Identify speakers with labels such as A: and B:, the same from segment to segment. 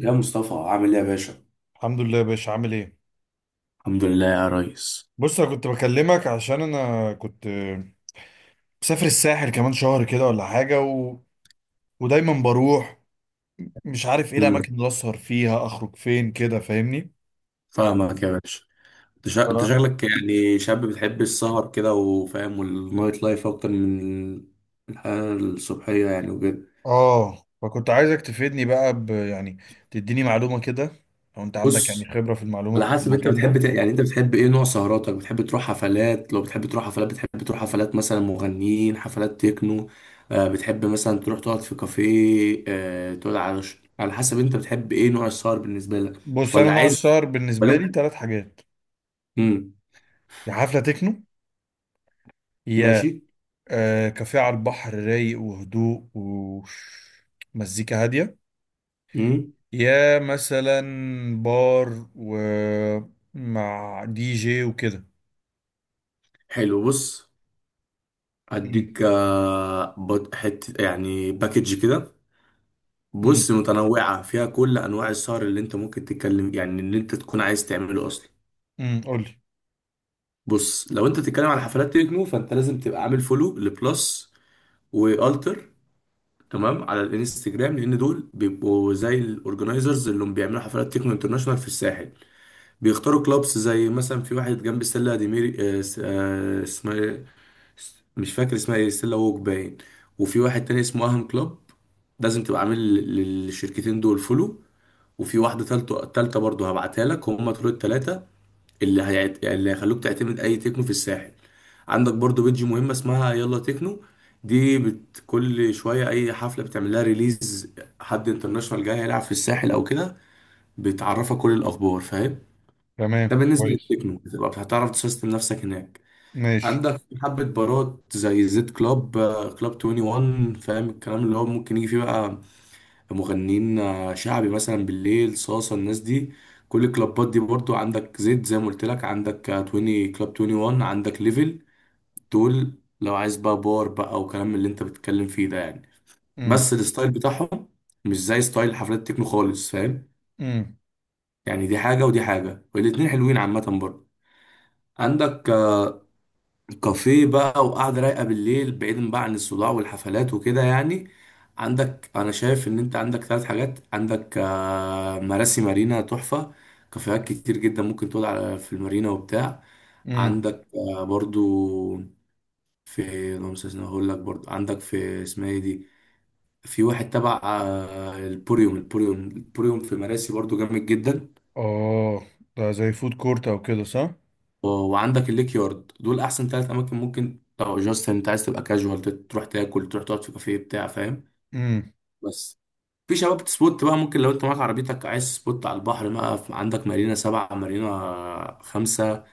A: يا مصطفى عامل ايه يا باشا؟
B: الحمد لله يا باشا، عامل ايه؟
A: الحمد لله يا ريس.
B: بص، انا كنت بكلمك عشان انا كنت مسافر الساحل كمان شهر كده ولا حاجه. ودايما بروح. مش عارف ايه
A: امم
B: الاماكن اللي اسهر فيها، اخرج فين كده، فاهمني؟
A: فاهمك يا باشا.
B: ف...
A: انت شكلك يعني شاب بتحب السهر كده وفاهم، والنايت لايف اكتر من الحياة الصبحية يعني وكده.
B: اه، فكنت عايزك تفيدني بقى، يعني تديني معلومه كده. لو انت عندك يعني
A: بص،
B: خبره في
A: على
B: المعلومه في
A: حسب انت
B: المكان
A: بتحب
B: ده.
A: يعني انت بتحب ايه نوع سهراتك؟ بتحب تروح حفلات؟ لو بتحب تروح حفلات، بتحب تروح حفلات مثلا مغنيين، حفلات تكنو؟ آه بتحب مثلا تروح تقعد في كافيه؟ تقعد على على حسب انت بتحب ايه نوع السهر بالنسبة لك؟
B: بص، انا
A: ولا
B: نوع
A: عايز،
B: السهر
A: ولا
B: بالنسبه
A: انت،
B: لي ثلاث حاجات:
A: امم
B: يا حفله تكنو، يا
A: ماشي.
B: كافيه على البحر رايق وهدوء ومزيكا هاديه،
A: مم.
B: يا مثلا بار ومع دي جي وكده.
A: حلو، بص.
B: امم.
A: اديك حته يعني باكج كده.
B: امم.
A: بص، متنوعه فيها كل انواع السهر اللي انت ممكن تتكلم، يعني اللي انت تكون عايز تعمله اصلا.
B: امم، قول لي.
A: بص، لو انت تتكلم على حفلات تكنو، فانت لازم تبقى عامل فولو لبلس والتر تمام على الانستجرام، لان دول بيبقوا زي الاورجنايزرز اللي هم بيعملوا حفلات تكنو انترناشونال في الساحل. بيختاروا كلابس زي مثلا في واحد جنب السله دي ميري، اسمها إيه؟ مش فاكر اسمها ايه، ستيلا ووك باين. وفي واحد تاني اسمه اهم كلوب. لازم تبقى عامل للشركتين دول فولو. وفي واحدة تالتة تالتة برضه هبعتها لك، هم دول التلاتة اللي هيخلوك تعتمد أي تكنو في الساحل. عندك برضه بيدج مهمة اسمها يلا تكنو، كل شوية أي حفلة بتعمل لها ريليز، حد انترناشونال جاي هيلعب في الساحل أو كده، بتعرفك كل الأخبار، فاهم. ده
B: تمام،
A: بالنسبة
B: كويس.
A: للتكنو، بتبقى هتعرف تسيستم نفسك هناك.
B: ماشي.
A: عندك حبة بارات زي زد كلاب، كلاب 21، فاهم الكلام اللي هو ممكن يجي فيه بقى مغنيين، شعبي مثلا بالليل، صاصة الناس دي. كل الكلابات دي برضو عندك زد زي ما قلت لك، عندك 20 كلاب 21، عندك ليفل، دول. لو عايز بقى بار بقى وكلام اللي انت بتتكلم فيه ده يعني،
B: امم.
A: بس الستايل بتاعهم مش زي ستايل حفلات التكنو خالص، فاهم.
B: امم.
A: يعني دي حاجة ودي حاجة، والاتنين حلوين عامة برضو. عندك كافيه بقى وقعدة رايقة بالليل، بعيدا بقى عن الصداع والحفلات وكده يعني. عندك، أنا شايف إن أنت عندك ثلاث حاجات، عندك مراسي مارينا تحفة، كافيهات كتير جدا، ممكن تقعد على في المارينا وبتاع.
B: امم.
A: عندك برضو في، اللهم صل وسلم، هقول لك برضو عندك في، اسمها ايه دي؟ في واحد تبع البوريوم في مراسي، برضو جامد جدا.
B: اه، ده زي فود كورت او كده، صح؟
A: وعندك الليك يارد. دول احسن ثلاث اماكن ممكن لو جاست انت عايز تبقى كاجوال، تروح تاكل، تروح تقعد في كافيه بتاع فاهم.
B: امم.
A: بس في شباب سبوت بقى ممكن لو انت معاك عربيتك، عايز سبوت على البحر بقى، عندك مارينا سبعة، مارينا خمسة،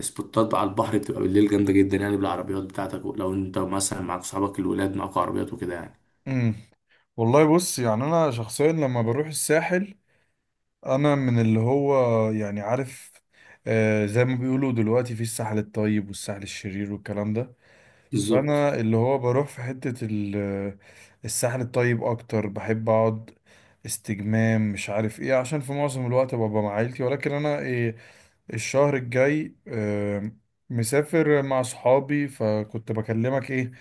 A: سبوتات بقى على البحر بتبقى بالليل جامدة جدا، يعني بالعربيات بتاعتك، لو انت مثلا معاك صحابك الولاد، معاك عربيات وكده يعني.
B: امم. والله، بص، يعني انا شخصيا لما بروح الساحل، انا من اللي هو يعني عارف، آه، زي ما بيقولوا دلوقتي في الساحل الطيب والساحل الشرير والكلام ده.
A: بالظبط.
B: فانا اللي هو بروح في الساحل الطيب اكتر، بحب اقعد استجمام، مش عارف ايه، عشان في معظم الوقت ببقى مع عيلتي. ولكن انا ايه، الشهر الجاي مسافر مع صحابي، فكنت بكلمك ايه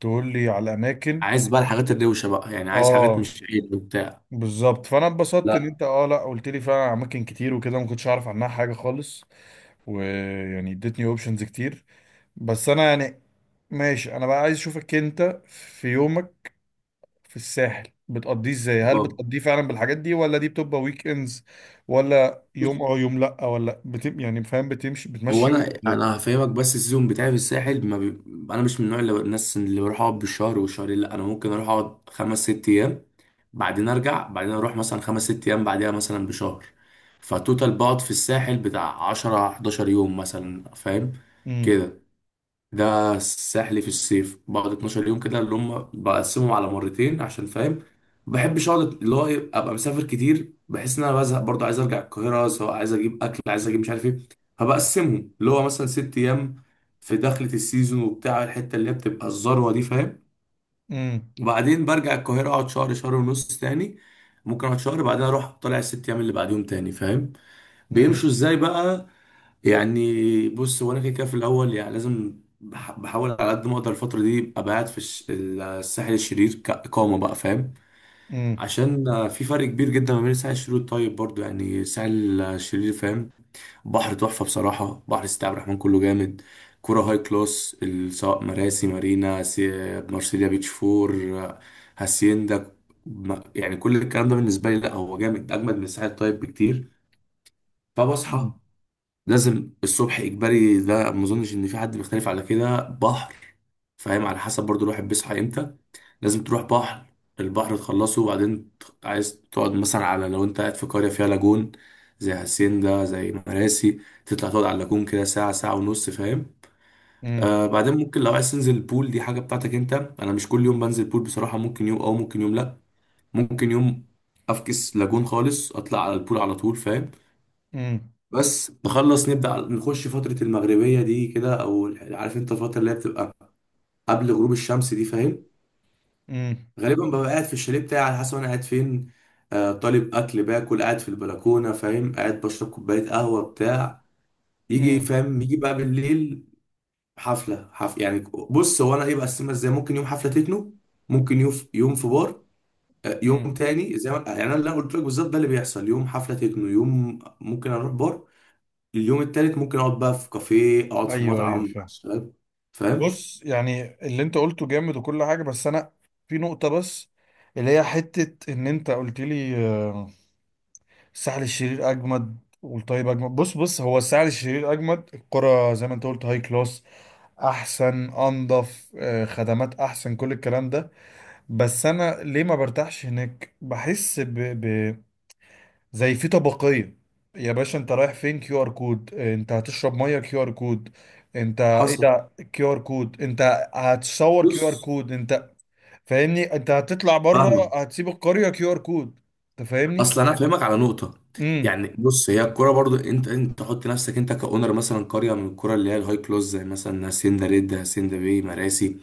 B: تقول لي على الاماكن.
A: عايز بقى الحاجات الروشة بقى، يعني عايز حاجات
B: اه،
A: مش عيد وبتاع.
B: بالظبط. فانا اتبسطت ان
A: لا.
B: انت، اه لا، قلت لي فعلا على اماكن كتير وكده ما كنتش اعرف عنها حاجة خالص. ويعني اديتني اوبشنز كتير. بس انا يعني، ماشي، انا بقى عايز اشوفك انت في يومك في الساحل بتقضيه ازاي. هل
A: اه،
B: بتقضيه فعلا بالحاجات دي ولا دي بتبقى ويك اندز، ولا يوم اه يوم لا، ولا بتم يعني، فاهم، بتمشي
A: هو
B: بتمشي يومك
A: انا
B: ازاي؟
A: انا هفهمك، بس السيزون بتاعي في الساحل ما بي... انا مش من النوع اللي الناس اللي بروح اقعد بالشهر والشهرين، لا، انا ممكن اروح اقعد 5 6 ايام، بعدين ارجع، بعدين اروح مثلا 5 6 ايام بعدها مثلا بشهر. فتوتال بقعد في الساحل بتاع 10 11 يوم مثلا، فاهم
B: امم.
A: كده. ده سحلي في الصيف، بقعد 12 يوم كده اللي هم بقسمهم على مرتين، عشان فاهم ما بحبش اقعد اللي هو ابقى مسافر كتير بحس ان انا بزهق برضه، عايز ارجع القاهره، سواء عايز اجيب اكل، عايز اجيب مش عارف ايه. فبقسمهم اللي هو مثلا 6 ايام في دخلة السيزون وبتاع، الحته اللي هي بتبقى الذروه دي، فاهم.
B: امم.
A: وبعدين برجع القاهره اقعد شهر شهر ونص تاني، ممكن اقعد شهر، بعدين اروح طالع ال 6 ايام اللي بعديهم تاني، فاهم بيمشوا
B: امم.
A: ازاي بقى. يعني بص، هو انا كده كده في الاول يعني لازم بحاول على قد ما اقدر الفتره دي ابقى قاعد في الساحل الشرير كاقامه بقى، فاهم.
B: امم.
A: عشان في فرق كبير جدا ما بين الساحل الشرير والطيب برضو، يعني الساحل الشرير فاهم، بحر تحفه بصراحه. بحر سيدي عبد الرحمن كله جامد، كرة هاي كلاس، سواء مراسي مارينا، مارسيليا بيتش فور، آه، هاسيندا، يعني كل الكلام ده بالنسبه لي لا، هو جامد، اجمد من الساحل الطيب بكتير.
B: امم.
A: فبصحى نازل الصبح اجباري، ده ما اظنش ان في حد بيختلف على كده، بحر فاهم، على حسب برضو الواحد بيصحى امتى، لازم تروح بحر. البحر تخلصه وبعدين عايز تقعد مثلا على، لو انت قاعد في قرية فيها لاجون زي هاسيندا زي مراسي، تطلع تقعد على اللاجون كده ساعة ساعة ونص، فاهم.
B: امم.
A: آه بعدين ممكن لو عايز تنزل البول، دي حاجة بتاعتك انت، انا مش كل يوم بنزل بول بصراحة، ممكن يوم او ممكن يوم لا، ممكن يوم افكس لاجون خالص، اطلع على البول على طول، فاهم.
B: امم.
A: بس نخلص نبدأ نخش فترة المغربية دي كده، أو عارف أنت الفترة اللي هي بتبقى قبل غروب الشمس دي، فاهم.
B: امم.
A: غالبا ببقى قاعد في الشاليه بتاعي، على حسب أنا قاعد فين، آه طالب أكل باكل، قاعد في البلكونة فاهم، قاعد بشرب كوباية قهوة بتاع. يجي
B: امم.
A: فاهم، يجي بقى بالليل حفلة يعني، بص هو أنا إيه بقسمها إزاي، ممكن يوم حفلة تكنو، ممكن يوم في بار، يوم
B: امم.
A: تاني زي ما يعني أنا قلت لك بالظبط، ده اللي بيحصل، يوم حفلة تكنو، يوم ممكن أروح بار، اليوم التالت ممكن اقعد بقى في كافيه، اقعد في
B: ايوه، ايوه،
A: مطعم مع
B: فاهم.
A: الشباب، فاهم.
B: بص، يعني اللي انت قلته جامد وكل حاجه، بس انا في نقطه بس، اللي هي حته ان انت قلت لي آه الساحل الشرير اجمد والطيب اجمد. بص هو الساحل الشرير اجمد، الكرة زي ما انت قلت هاي كلاس، احسن، انضف، آه، خدمات احسن، كل الكلام ده. بس انا ليه ما برتاحش هناك، بحس زي في طبقية. يا باشا انت رايح فين كيو ار كود؟ آه، انت هتشرب ميه كيو ار كود؟ انت ايه
A: حصل.
B: ده كيو ار كود انت؟ هتصور كيو ار
A: بص،
B: كود انت؟ فاهمني؟ انت هتطلع بره
A: فاهمك.
B: هتسيب القرية كيو ار كود؟ انت فاهمني؟
A: اصل انا افهمك على نقطه.
B: امم.
A: يعني بص، هي الكوره برضو، انت تحط نفسك انت كاونر مثلا قريه من الكوره اللي هي الهاي كلوز، زي مثلا هاسيندا ريد، هاسيندا بي، مراسي،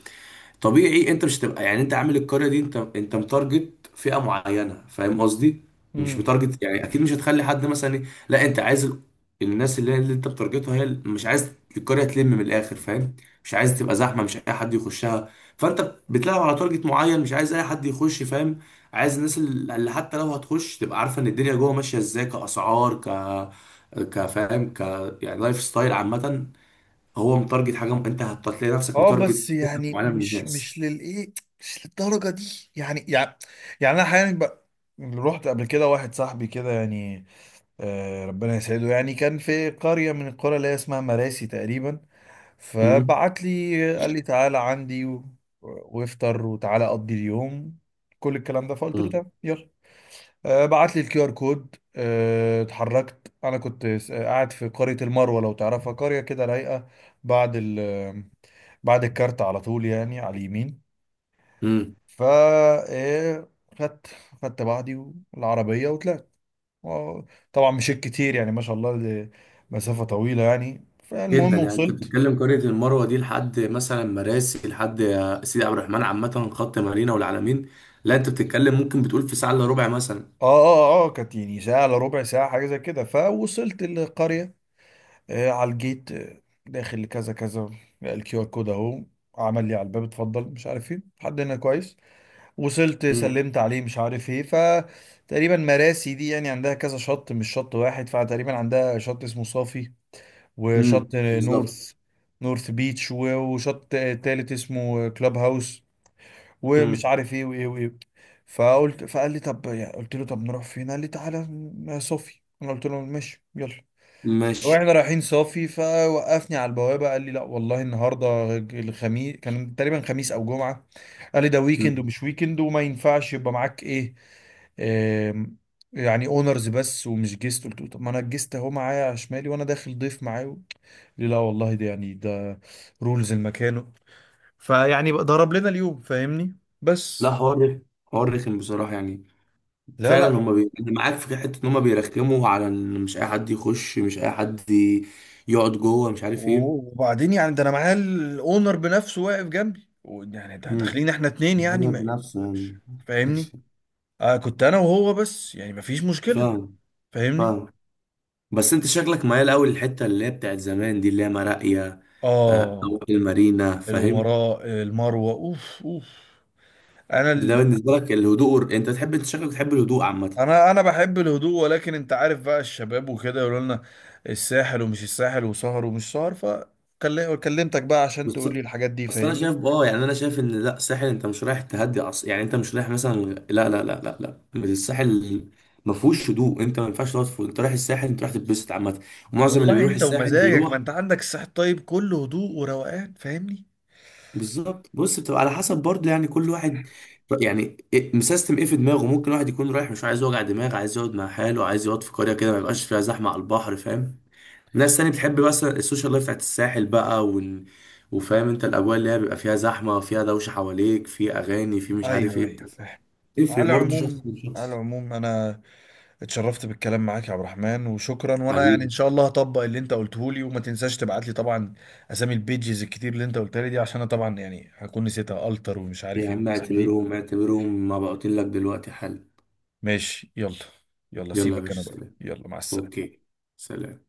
A: طبيعي انت مش هتبقى يعني، انت عامل القريه دي، انت متارجت فئه معينه، فاهم قصدي. مش
B: امم.
A: متارجت، يعني اكيد مش هتخلي حد مثلا لا، انت عايز الناس اللي انت بتارجتها هي مش عايز القريه تلم من الاخر، فاهم. مش عايز تبقى زحمه، مش اي حد يخشها، فانت بتلعب على تارجت معين، مش عايز اي حد يخش، فاهم. عايز الناس اللي حتى لو هتخش تبقى عارفه ان الدنيا جوه ماشيه ازاي، كاسعار ك، كفاهم ك، يعني لايف ستايل عامه، هو متارجت حاجه، انت هتلاقي نفسك
B: اه، بس
A: متارجت فئه
B: يعني
A: معينه من
B: مش
A: الناس.
B: مش للايه، مش للدرجه دي يعني، يعني انا احيانا بقى رحت قبل كده واحد صاحبي كده يعني، آه، ربنا يسعده، يعني كان في قريه من القرى اللي هي اسمها مراسي تقريبا.
A: مم.
B: فبعت لي قال لي تعالى عندي وافطر وتعالى اقضي اليوم كل الكلام ده. فقلت له
A: مم.
B: تمام، يلا. آه، بعت لي الكيو ار كود. آه، اتحركت. انا كنت قاعد في قرية المروة، لو تعرفها، قرية كده رايقة بعد بعد الكارت على طول، يعني على اليمين.
A: مم.
B: فا آه، خدت خدت بعضي والعربية وطلعت و- طبعا مشيت كتير، يعني ما شاء الله، دي مسافة طويلة يعني.
A: جدا،
B: فالمهم
A: يعني انت
B: وصلت.
A: بتتكلم قرية المروة دي لحد مثلا مراسي، لحد سيدي عبد الرحمن عامة، خط مارينا والعلمين، لا، انت بتتكلم ممكن بتقول في ساعة الا ربع مثلا.
B: اه اه اه، كانت يعني ساعة الا ربع، ساعة، حاجة زي كده. فوصلت القرية. على الجيت. داخل لكذا كذا. الكيو ار كود اهو، عمل لي على الباب اتفضل، مش عارف ايه لحد هنا كويس. وصلت،
A: مم.
B: سلمت عليه، مش عارف ايه. فتقريبا مراسي دي يعني عندها كذا شط، مش شط واحد. فتقريبا عندها شط اسمه صافي،
A: مم.
B: وشط
A: بالظبط.
B: نورث، نورث بيتش، وشط تالت اسمه كلاب هاوس، ومش
A: مم.
B: عارف ايه وايه وايه. فقال لي طب، يعني قلت له طب نروح فين، قال لي تعالى صافي. انا قلت له ماشي يلا.
A: ماشي.
B: واحنا رايحين صافي فوقفني على البوابه، قال لي لا والله النهارده الخميس، كان تقريبا خميس او جمعه، قال لي ده ويكند
A: مم.
B: ومش ويكند وما ينفعش يبقى معاك ايه، آم، يعني اونرز بس ومش جيست. قلت له طب ما انا الجيست اهو، معايا على شمالي وانا داخل ضيف معاه. قال لي لا والله ده يعني ده رولز المكان. فيعني بقى ضرب لنا اليوم، فاهمني؟
A: لا،
B: بس.
A: حوار رخم، حوار رخم بصراحة يعني،
B: لا،
A: فعلا
B: لا.
A: هما أنا معاك في حتة ان هما بيرخموا على ان مش اي حد يخش، مش اي حد يقعد جوه، مش عارف ايه.
B: وبعدين يعني ده انا معايا الاونر بنفسه واقف جنبي يعني
A: مم.
B: داخلين احنا اتنين يعني
A: هو
B: ما،
A: بنفسه
B: مش-
A: يعني.
B: فاهمني؟ آه، كنت انا وهو بس يعني مفيش مشكلة.
A: فاهم.
B: فاهمني.
A: فاهم. بس انت شكلك ميال قوي للحته اللي هي بتاعت زمان دي، اللي هي مراقيه، أو
B: اه.
A: المارينا فاهم.
B: الامراء المروة، اوف اوف. انا
A: ده
B: ال...
A: بالنسبه لك الهدوء انت تحب، انت شكلك بتحب الهدوء عامه.
B: انا بحب الهدوء، ولكن انت عارف بقى الشباب وكده يقولوا لنا الساحل ومش الساحل وسهر ومش سهر، فكلمتك بقى عشان
A: بس
B: تقول لي الحاجات دي،
A: بس انا
B: فاهمني؟
A: شايف اه، يعني انا شايف ان لا، الساحل انت مش رايح تهدي يعني انت مش رايح مثلا، لا لا لا لا لا، الساحل ما فيهوش هدوء، انت ما ينفعش تقعد انت رايح الساحل انت رايح تتبسط عامه، ومعظم اللي
B: والله،
A: بيروح
B: انت
A: الساحل
B: ومزاجك، ما
A: بيروح.
B: انت عندك الساحل الطيب كله هدوء وروقان، فاهمني؟
A: بالظبط. بص، بتبقى على حسب برضه يعني كل واحد، يعني مسيستم ايه في دماغه، ممكن واحد يكون رايح مش عايز يوجع دماغ، عايز يقعد مع حاله، عايز يقعد في قرية كده ما يبقاش فيها زحمة على البحر، فاهم. ناس تاني بتحب بس السوشيال لايف بتاعت الساحل بقى وفاهم انت الاجواء اللي هي بيبقى فيها زحمة، فيها دوشة حواليك، في اغاني، في مش عارف
B: ايوه،
A: ايه.
B: ايوه، فاهم. على
A: تفرق برضه شخص
B: العموم،
A: من
B: على
A: شخص.
B: العموم انا اتشرفت بالكلام معاك يا عبد الرحمن، وشكرا. وانا يعني ان
A: حبيبي.
B: شاء الله هطبق اللي انت قلته لي. وما تنساش تبعت لي طبعا اسامي البيجز الكتير اللي انت قلتها لي دي، عشان انا طبعا يعني هكون نسيتها التر ومش عارف
A: يا
B: ايه
A: عم
B: والاسامي دي.
A: اعتبرهم اعتبرهم مبعوتين لك دلوقتي، حل.
B: ماشي، يلا. يلا
A: يلا يا
B: سيبك، انا
A: باشا،
B: بقى
A: سلام.
B: يلا، مع السلامة.
A: اوكي. سلام.